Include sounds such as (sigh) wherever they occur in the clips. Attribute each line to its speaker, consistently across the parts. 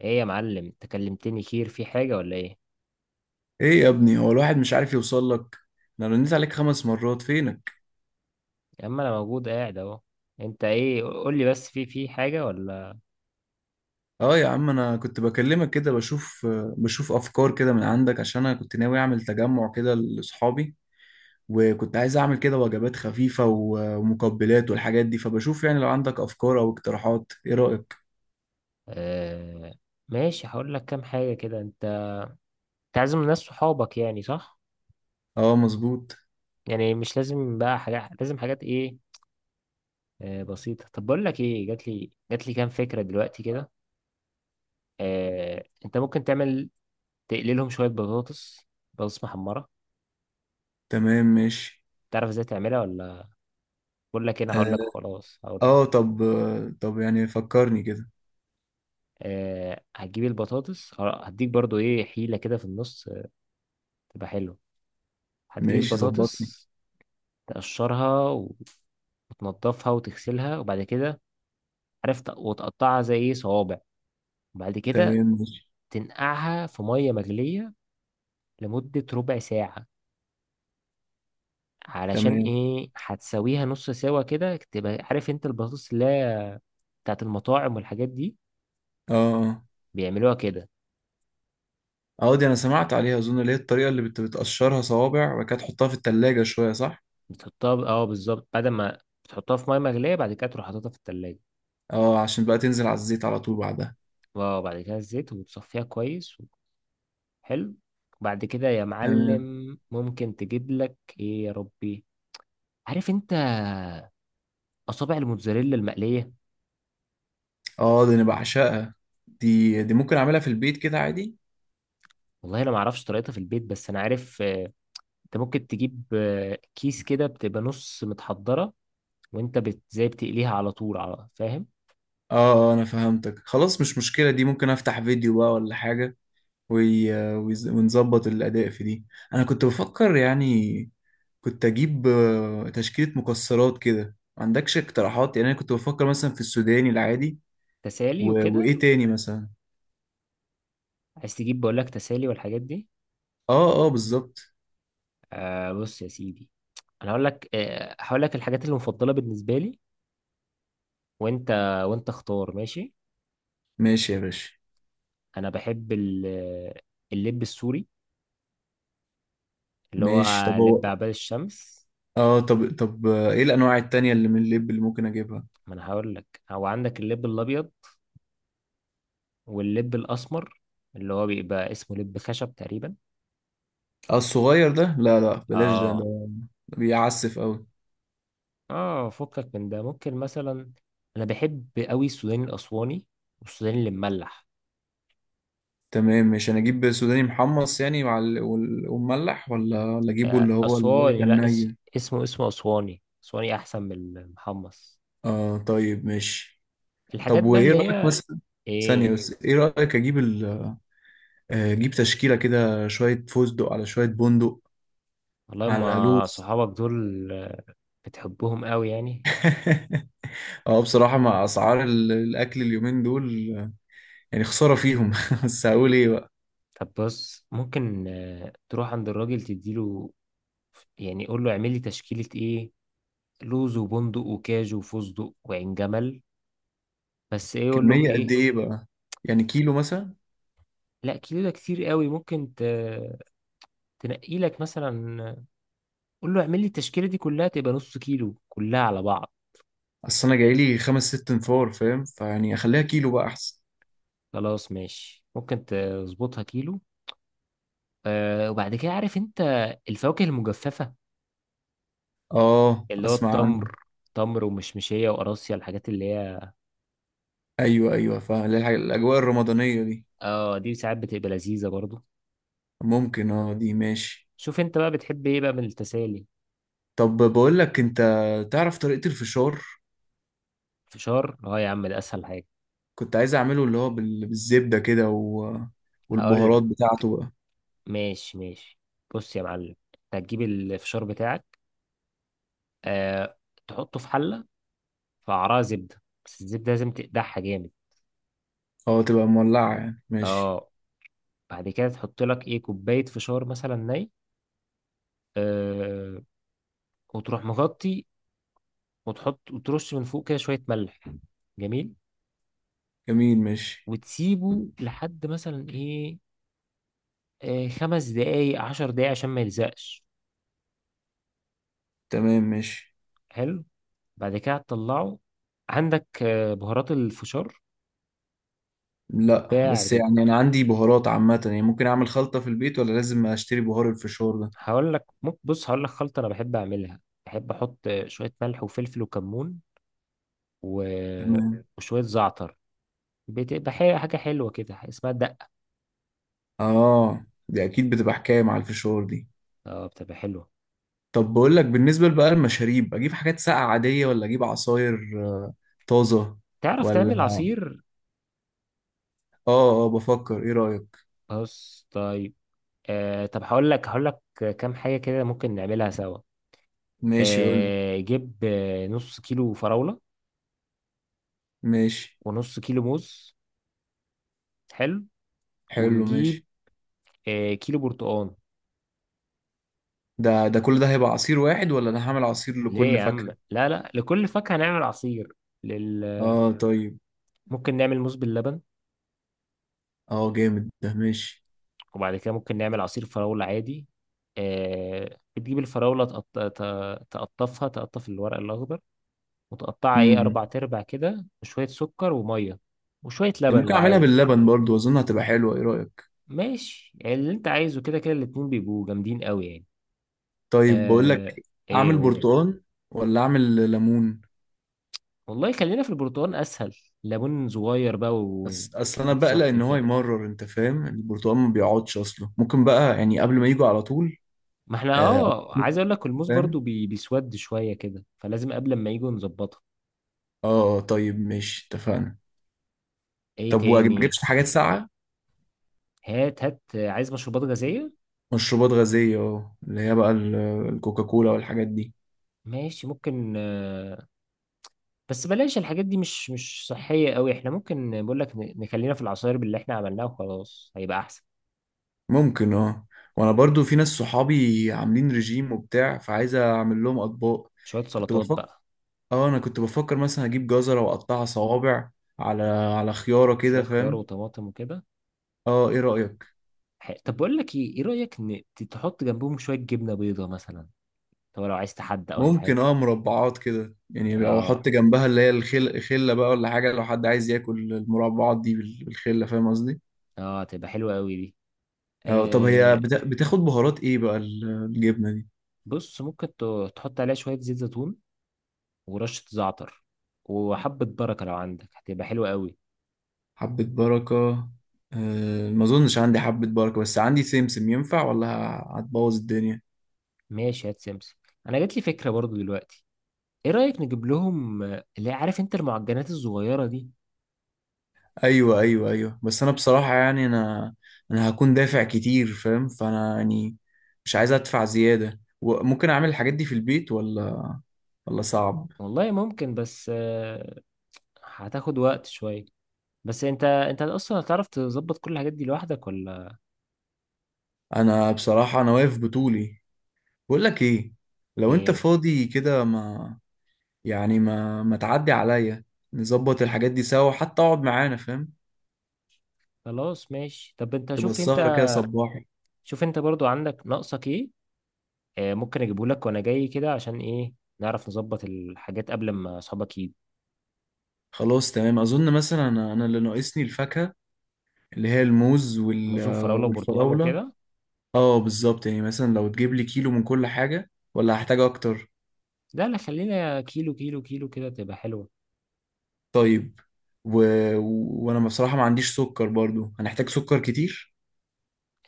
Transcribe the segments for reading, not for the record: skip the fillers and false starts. Speaker 1: ايه يا معلم، انت كلمتني؟ خير، في حاجة ولا ايه؟
Speaker 2: ايه يا ابني، هو الواحد مش عارف يوصل لك. انا رنيت عليك 5 مرات. فينك؟
Speaker 1: يا عم انا موجود قاعد اهو. انت ايه، قول لي بس، في حاجة ولا؟
Speaker 2: اه يا عم، انا كنت بكلمك كده بشوف افكار كده من عندك، عشان انا كنت ناوي اعمل تجمع كده لاصحابي. وكنت عايز اعمل كده وجبات خفيفة ومقبلات والحاجات دي. فبشوف يعني، لو عندك افكار او اقتراحات، ايه رأيك؟
Speaker 1: آه ماشي، هقول لك كام حاجة كده. انت تعزم ناس صحابك يعني، صح؟
Speaker 2: اه، مظبوط.
Speaker 1: يعني مش لازم بقى حاجات، لازم حاجات ايه. آه بسيطة، طب بقول لك ايه، جات لي كام فكرة دلوقتي كده. آه انت ممكن تعمل، تقللهم شوية بطاطس محمرة.
Speaker 2: تمام، ماشي.
Speaker 1: تعرف ازاي تعملها ولا؟ بقول لك، انا هقول
Speaker 2: اه.
Speaker 1: لك، خلاص هقول لك.
Speaker 2: آه، طب طب يعني فكرني كده.
Speaker 1: هتجيب البطاطس خلاص، هديك برضو ايه حيلة كده في النص، تبقى حلوة. هتجيب
Speaker 2: ماشي، ظبطني.
Speaker 1: البطاطس، تقشرها وتنضفها وتغسلها، وبعد كده، عرفت، وتقطعها زي ايه صوابع، وبعد كده
Speaker 2: تمام، ماشي.
Speaker 1: تنقعها في مية مغلية لمدة ربع ساعة، علشان
Speaker 2: تمام.
Speaker 1: ايه، هتسويها نص سوا كده، تبقى عارف انت البطاطس اللي هي بتاعت المطاعم والحاجات دي
Speaker 2: اه، اه.
Speaker 1: بيعملوها كده.
Speaker 2: اه، دي انا سمعت عليها اظن، اللي هي الطريقه اللي بتقشرها صوابع وبعد كده تحطها في التلاجة شويه، صح؟
Speaker 1: بتحطها اه بالظبط، بعد ما بتحطها في مية مغلية، بعد كده تروح حاططها في التلاجة،
Speaker 2: اه، عشان بقى تنزل على الزيت على طول بعدها.
Speaker 1: وبعد كده الزيت وتصفيها كويس. حلو. بعد كده يا
Speaker 2: تمام.
Speaker 1: معلم، ممكن تجيب لك ايه يا ربي، عارف انت، اصابع الموتزاريلا المقليه.
Speaker 2: اه دي انا بعشقها. دي ممكن اعملها في البيت كده عادي.
Speaker 1: والله انا ما اعرفش طريقتها في البيت، بس انا عارف، انت ممكن تجيب كيس كده بتبقى نص متحضره، وانت زي بتقليها على طول، على فاهم.
Speaker 2: اه. انا فهمتك خلاص، مش مشكله، دي ممكن افتح فيديو بقى ولا حاجه. ونظبط الاداء في دي. انا كنت بفكر يعني، كنت اجيب تشكيله مكسرات كده، ما عندكش اقتراحات؟ يعني انا كنت بفكر مثلا في السوداني العادي.
Speaker 1: تسالي
Speaker 2: و...
Speaker 1: وكده،
Speaker 2: وايه تاني مثلا؟
Speaker 1: عايز تجيب، بقول لك تسالي والحاجات دي.
Speaker 2: اه، اه بالظبط.
Speaker 1: آه بص يا سيدي، انا هقول لك الحاجات المفضله بالنسبه لي، وانت وانت اختار، ماشي.
Speaker 2: ماشي يا باشا.
Speaker 1: انا بحب اللب السوري، اللي هو
Speaker 2: ماشي، طب
Speaker 1: لب
Speaker 2: هو.
Speaker 1: عباد الشمس.
Speaker 2: اه، طب ايه الانواع التانية اللي من اللب اللي ممكن اجيبها؟
Speaker 1: ما انا هقول لك، هو عندك اللب الابيض واللب الاسمر، اللي هو بيبقى اسمه لب خشب تقريبا.
Speaker 2: اه الصغير ده، لا لا بلاش. ده
Speaker 1: اه
Speaker 2: ده بيعسف قوي.
Speaker 1: اه، فكك من ده، ممكن مثلا انا بحب قوي السوداني الاسواني، والسوداني اللي مملح.
Speaker 2: تمام. مش انا اجيب سوداني محمص يعني ومملح، ولا اجيبه اللي هو اللي بيبقى
Speaker 1: اسواني، لا،
Speaker 2: الني؟
Speaker 1: اسمه اسواني، اسواني احسن من المحمص.
Speaker 2: اه طيب ماشي. طب
Speaker 1: الحاجات بقى
Speaker 2: وايه
Speaker 1: اللي
Speaker 2: رايك
Speaker 1: هي
Speaker 2: مثلا؟ ثانية
Speaker 1: ايه.
Speaker 2: بس، ايه رايك اجيب اجيب تشكيلة كده شوية فستق على شوية بندق
Speaker 1: والله
Speaker 2: على
Speaker 1: ما
Speaker 2: لوز.
Speaker 1: صحابك دول، بتحبهم قوي يعني.
Speaker 2: (laughs) اه، بصراحة مع اسعار الاكل اليومين دول يعني خسارة فيهم. (laughs) بس هقول ايه بقى؟
Speaker 1: طب بص، ممكن تروح عند الراجل، تديله يعني، قول له اعمل لي تشكيلة ايه، لوز وبندق وكاجو وفستق وعين جمل، بس ايه قول له
Speaker 2: كمية قد
Speaker 1: ايه.
Speaker 2: ايه بقى؟ يعني كيلو مثلا؟
Speaker 1: لا، كيلو ده كتير قوي، ممكن تنقي لك مثلا، قول له اعمل لي التشكيلة دي كلها، تبقى نص كيلو كلها على بعض.
Speaker 2: اصل انا جايلي خمس ست انفار فاهم، فيعني اخليها كيلو بقى احسن.
Speaker 1: خلاص ماشي، ممكن تظبطها كيلو. آه وبعد كده، عارف انت، الفواكه المجففة،
Speaker 2: اه،
Speaker 1: اللي هو
Speaker 2: اسمع عنها.
Speaker 1: التمر، تمر ومشمشية وقراصية، الحاجات اللي هي
Speaker 2: ايوه، ايوه، فاهم الاجواء الرمضانية دي.
Speaker 1: اه دي ساعات بتبقى لذيذة برضو.
Speaker 2: ممكن، اه دي ماشي.
Speaker 1: شوف انت بقى بتحب ايه بقى من التسالي.
Speaker 2: طب بقول لك، انت تعرف طريقة الفشار؟
Speaker 1: فشار؟ اه يا عم، ده اسهل حاجة.
Speaker 2: كنت عايز اعمله، اللي هو بالزبدة كده
Speaker 1: هقول،
Speaker 2: والبهارات بتاعته بقى.
Speaker 1: ماشي ماشي، بص يا معلم، انت هتجيب الفشار بتاعك، آه، تحطه في حلة، في قعرها زبدة، بس الزبدة لازم تقدحها جامد.
Speaker 2: اه، تبقى مولعة يعني، ماشي.
Speaker 1: اه، بعد كده تحط لك ايه، كوباية فشار مثلا ني، آه، وتروح مغطي، وتحط وترش من فوق كده شوية ملح، جميل،
Speaker 2: جميل، ماشي.
Speaker 1: وتسيبه لحد مثلا ايه، آه، 5 دقايق، 10 دقايق، عشان ما يلزقش.
Speaker 2: تمام، ماشي.
Speaker 1: حلو. بعد كده تطلعه، عندك بهارات الفشار،
Speaker 2: لا
Speaker 1: تتباع.
Speaker 2: بس يعني، انا عندي بهارات عامه يعني، ممكن اعمل خلطه في البيت ولا لازم اشتري بهار الفشار ده؟
Speaker 1: هقول لك ممكن، بص هقول لك خلطة أنا بحب أعملها، بحب أحط شوية ملح وفلفل وكمون، و...
Speaker 2: تمام.
Speaker 1: وشوية زعتر. بتبقى حاجة حلوة كده، اسمها الدقة.
Speaker 2: اه، دي اكيد بتبقى حكايه مع الفشار دي.
Speaker 1: اه بتبقى حلوة.
Speaker 2: طب بقول لك، بالنسبه بقى المشاريب، اجيب حاجات ساقعه عاديه ولا اجيب عصاير آه، طازه؟
Speaker 1: تعرف تعمل
Speaker 2: ولا...
Speaker 1: عصير؟
Speaker 2: اه، اه بفكر، ايه رايك؟
Speaker 1: بص طيب، طب، هقول لك كام حاجة كده ممكن نعملها سوا.
Speaker 2: ماشي، اقول لك.
Speaker 1: آه جيب، نص كيلو فراولة
Speaker 2: ماشي.
Speaker 1: ونص كيلو موز، حلو،
Speaker 2: حلو،
Speaker 1: ونجيب
Speaker 2: ماشي.
Speaker 1: آه كيلو برتقال.
Speaker 2: ده كل ده هيبقى عصير واحد ولا انا هعمل عصير
Speaker 1: ليه
Speaker 2: لكل
Speaker 1: يا عم،
Speaker 2: فاكهه؟
Speaker 1: لا لا، لكل فاكهة نعمل عصير، لل...
Speaker 2: اه طيب.
Speaker 1: ممكن نعمل موز باللبن،
Speaker 2: اه جامد، ده ماشي.
Speaker 1: وبعد كده ممكن نعمل عصير فراولة عادي. آه بتجيب الفراولة، تقطفها، تقطف الورق الأخضر، وتقطعها إيه
Speaker 2: امم
Speaker 1: أربع تربع كده، وشوية سكر ومية وشوية لبن
Speaker 2: ممكن
Speaker 1: لو
Speaker 2: اعملها
Speaker 1: عايز.
Speaker 2: باللبن برضو، اظن هتبقى حلوه، ايه رايك؟
Speaker 1: ماشي، يعني اللي أنت عايزه، كده كده الاتنين بيبقوا جامدين قوي يعني.
Speaker 2: طيب بقول لك،
Speaker 1: آه إيه
Speaker 2: اعمل
Speaker 1: قول.
Speaker 2: برتقال ولا اعمل ليمون؟
Speaker 1: والله خلينا في البرتقال أسهل، ليمون صغير بقى.
Speaker 2: بس اصل انا بقلق
Speaker 1: وهتصفي
Speaker 2: ان هو
Speaker 1: كده،
Speaker 2: يمرر، انت فاهم، البرتقال ما بيقعدش اصله، ممكن بقى يعني قبل ما يجوا على طول.
Speaker 1: ما احنا
Speaker 2: آه،
Speaker 1: اه عايز اقول لك، الموز برضو
Speaker 2: فاهم.
Speaker 1: بيسود شوية كده، فلازم قبل ما يجوا نظبطها.
Speaker 2: اه طيب ماشي، اتفقنا.
Speaker 1: ايه
Speaker 2: طب وما اجيبش
Speaker 1: تاني؟
Speaker 2: حاجات ساقعه؟
Speaker 1: هات هات، عايز مشروبات غازية؟
Speaker 2: مشروبات غازيه، اه، اللي هي بقى الكوكاكولا والحاجات دي.
Speaker 1: ماشي، ممكن بس بلاش الحاجات دي، مش صحية قوي، احنا ممكن، بقول لك نخلينا في العصاير باللي احنا عملناها، وخلاص هيبقى احسن.
Speaker 2: ممكن، اه. وانا برضو في ناس صحابي عاملين رجيم وبتاع، فعايز اعمل لهم اطباق.
Speaker 1: شوية
Speaker 2: كنت
Speaker 1: سلطات
Speaker 2: بفكر،
Speaker 1: بقى،
Speaker 2: اه، انا كنت بفكر مثلا اجيب جزرة واقطعها صوابع على على خيارة
Speaker 1: شوية
Speaker 2: كده
Speaker 1: خيار
Speaker 2: فاهم.
Speaker 1: وطماطم وكده.
Speaker 2: اه، ايه رأيك؟
Speaker 1: طب بقول لك ايه، ايه رأيك تحط جنبهم شوية جبنة بيضة مثلا؟ طب لو عايز تحدق ولا
Speaker 2: ممكن،
Speaker 1: حاجة.
Speaker 2: اه، مربعات كده، يعني لو
Speaker 1: اه
Speaker 2: احط جنبها اللي هي خلة بقى ولا حاجة. لو حد عايز ياكل المربعات دي بالخلة، فاهم قصدي؟
Speaker 1: اه، تبقى حلوة قوي دي.
Speaker 2: اه. طب هي
Speaker 1: آه
Speaker 2: بتاخد بهارات ايه بقى الجبنة دي؟
Speaker 1: بص، ممكن تحط عليها شوية زيت زيتون، ورشة زعتر، وحبة بركة لو عندك هتبقى حلوة قوي.
Speaker 2: حبة بركة؟ ما اظنش عندي حبة بركة، بس عندي سمسم، ينفع ولا هتبوظ الدنيا؟
Speaker 1: ماشي، هات سمسم. انا جات لي فكره برضو دلوقتي، ايه رايك نجيب لهم عارف انت المعجنات الصغيره دي.
Speaker 2: ايوه، ايوه، ايوه، بس انا بصراحه يعني، انا هكون دافع كتير فاهم، فانا يعني مش عايز ادفع زياده. وممكن اعمل الحاجات دي في البيت ولا
Speaker 1: و-
Speaker 2: صعب؟
Speaker 1: والله ممكن، بس هتاخد وقت شويه، بس انت اصلا هتعرف تظبط كل الحاجات دي لوحدك ولا
Speaker 2: انا بصراحه، انا واقف بطولي. بقول لك ايه، لو انت
Speaker 1: ايه؟
Speaker 2: فاضي كده، ما يعني ما تعدي عليا، نظبط الحاجات دي سوا، حتى اقعد معانا فاهم،
Speaker 1: خلاص ماشي، طب انت،
Speaker 2: تبقى
Speaker 1: شوف انت
Speaker 2: السهره كده صباحي.
Speaker 1: شوف انت برضو عندك ناقصك ايه، ممكن اجيبه لك وانا جاي كده، عشان ايه، نعرف نظبط الحاجات قبل ما اصحابك يجوا.
Speaker 2: خلاص تمام، اظن مثلا أنا اللي ناقصني الفاكهه، اللي هي الموز
Speaker 1: موز وفراوله وبرتقال
Speaker 2: والفراوله.
Speaker 1: وكده.
Speaker 2: اه، بالظبط. يعني مثلا لو تجيب لي كيلو من كل حاجة ولا هحتاج اكتر؟
Speaker 1: لا لا، خلينا كيلو كيلو كيلو كده تبقى حلوة.
Speaker 2: طيب. و... وانا بصراحة ما عنديش سكر برضو، هنحتاج سكر كتير.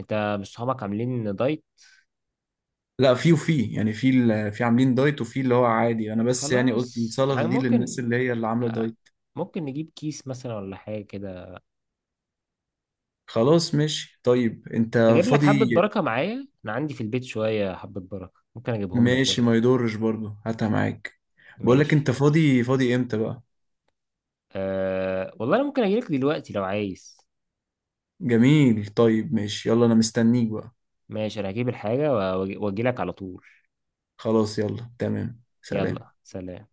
Speaker 1: انت مش صحابك عاملين دايت؟
Speaker 2: لا، في وفي يعني، في في عاملين دايت وفي اللي هو عادي. انا بس يعني قلت
Speaker 1: خلاص
Speaker 2: السلطة
Speaker 1: يعني
Speaker 2: دي للناس
Speaker 1: ممكن،
Speaker 2: اللي هي اللي عاملة
Speaker 1: آه،
Speaker 2: دايت.
Speaker 1: ممكن نجيب كيس مثلا ولا حاجة كده.
Speaker 2: خلاص ماشي طيب. انت
Speaker 1: أجيب لك حبة
Speaker 2: فاضي؟
Speaker 1: بركة معايا، أنا عندي في البيت شوية حبة بركة ممكن أجيبهم لك
Speaker 2: ماشي،
Speaker 1: برضه.
Speaker 2: ما يضرش برضو، هاتها معاك. بقول لك،
Speaker 1: ماشي.
Speaker 2: انت فاضي امتى بقى؟
Speaker 1: أه والله أنا ممكن أجيلك دلوقتي لو عايز.
Speaker 2: جميل طيب ماشي، يلا انا مستنيك بقى.
Speaker 1: ماشي، أنا هجيب الحاجة وأجي لك على طول.
Speaker 2: خلاص يلا تمام،
Speaker 1: يلا
Speaker 2: سلام.
Speaker 1: سلام.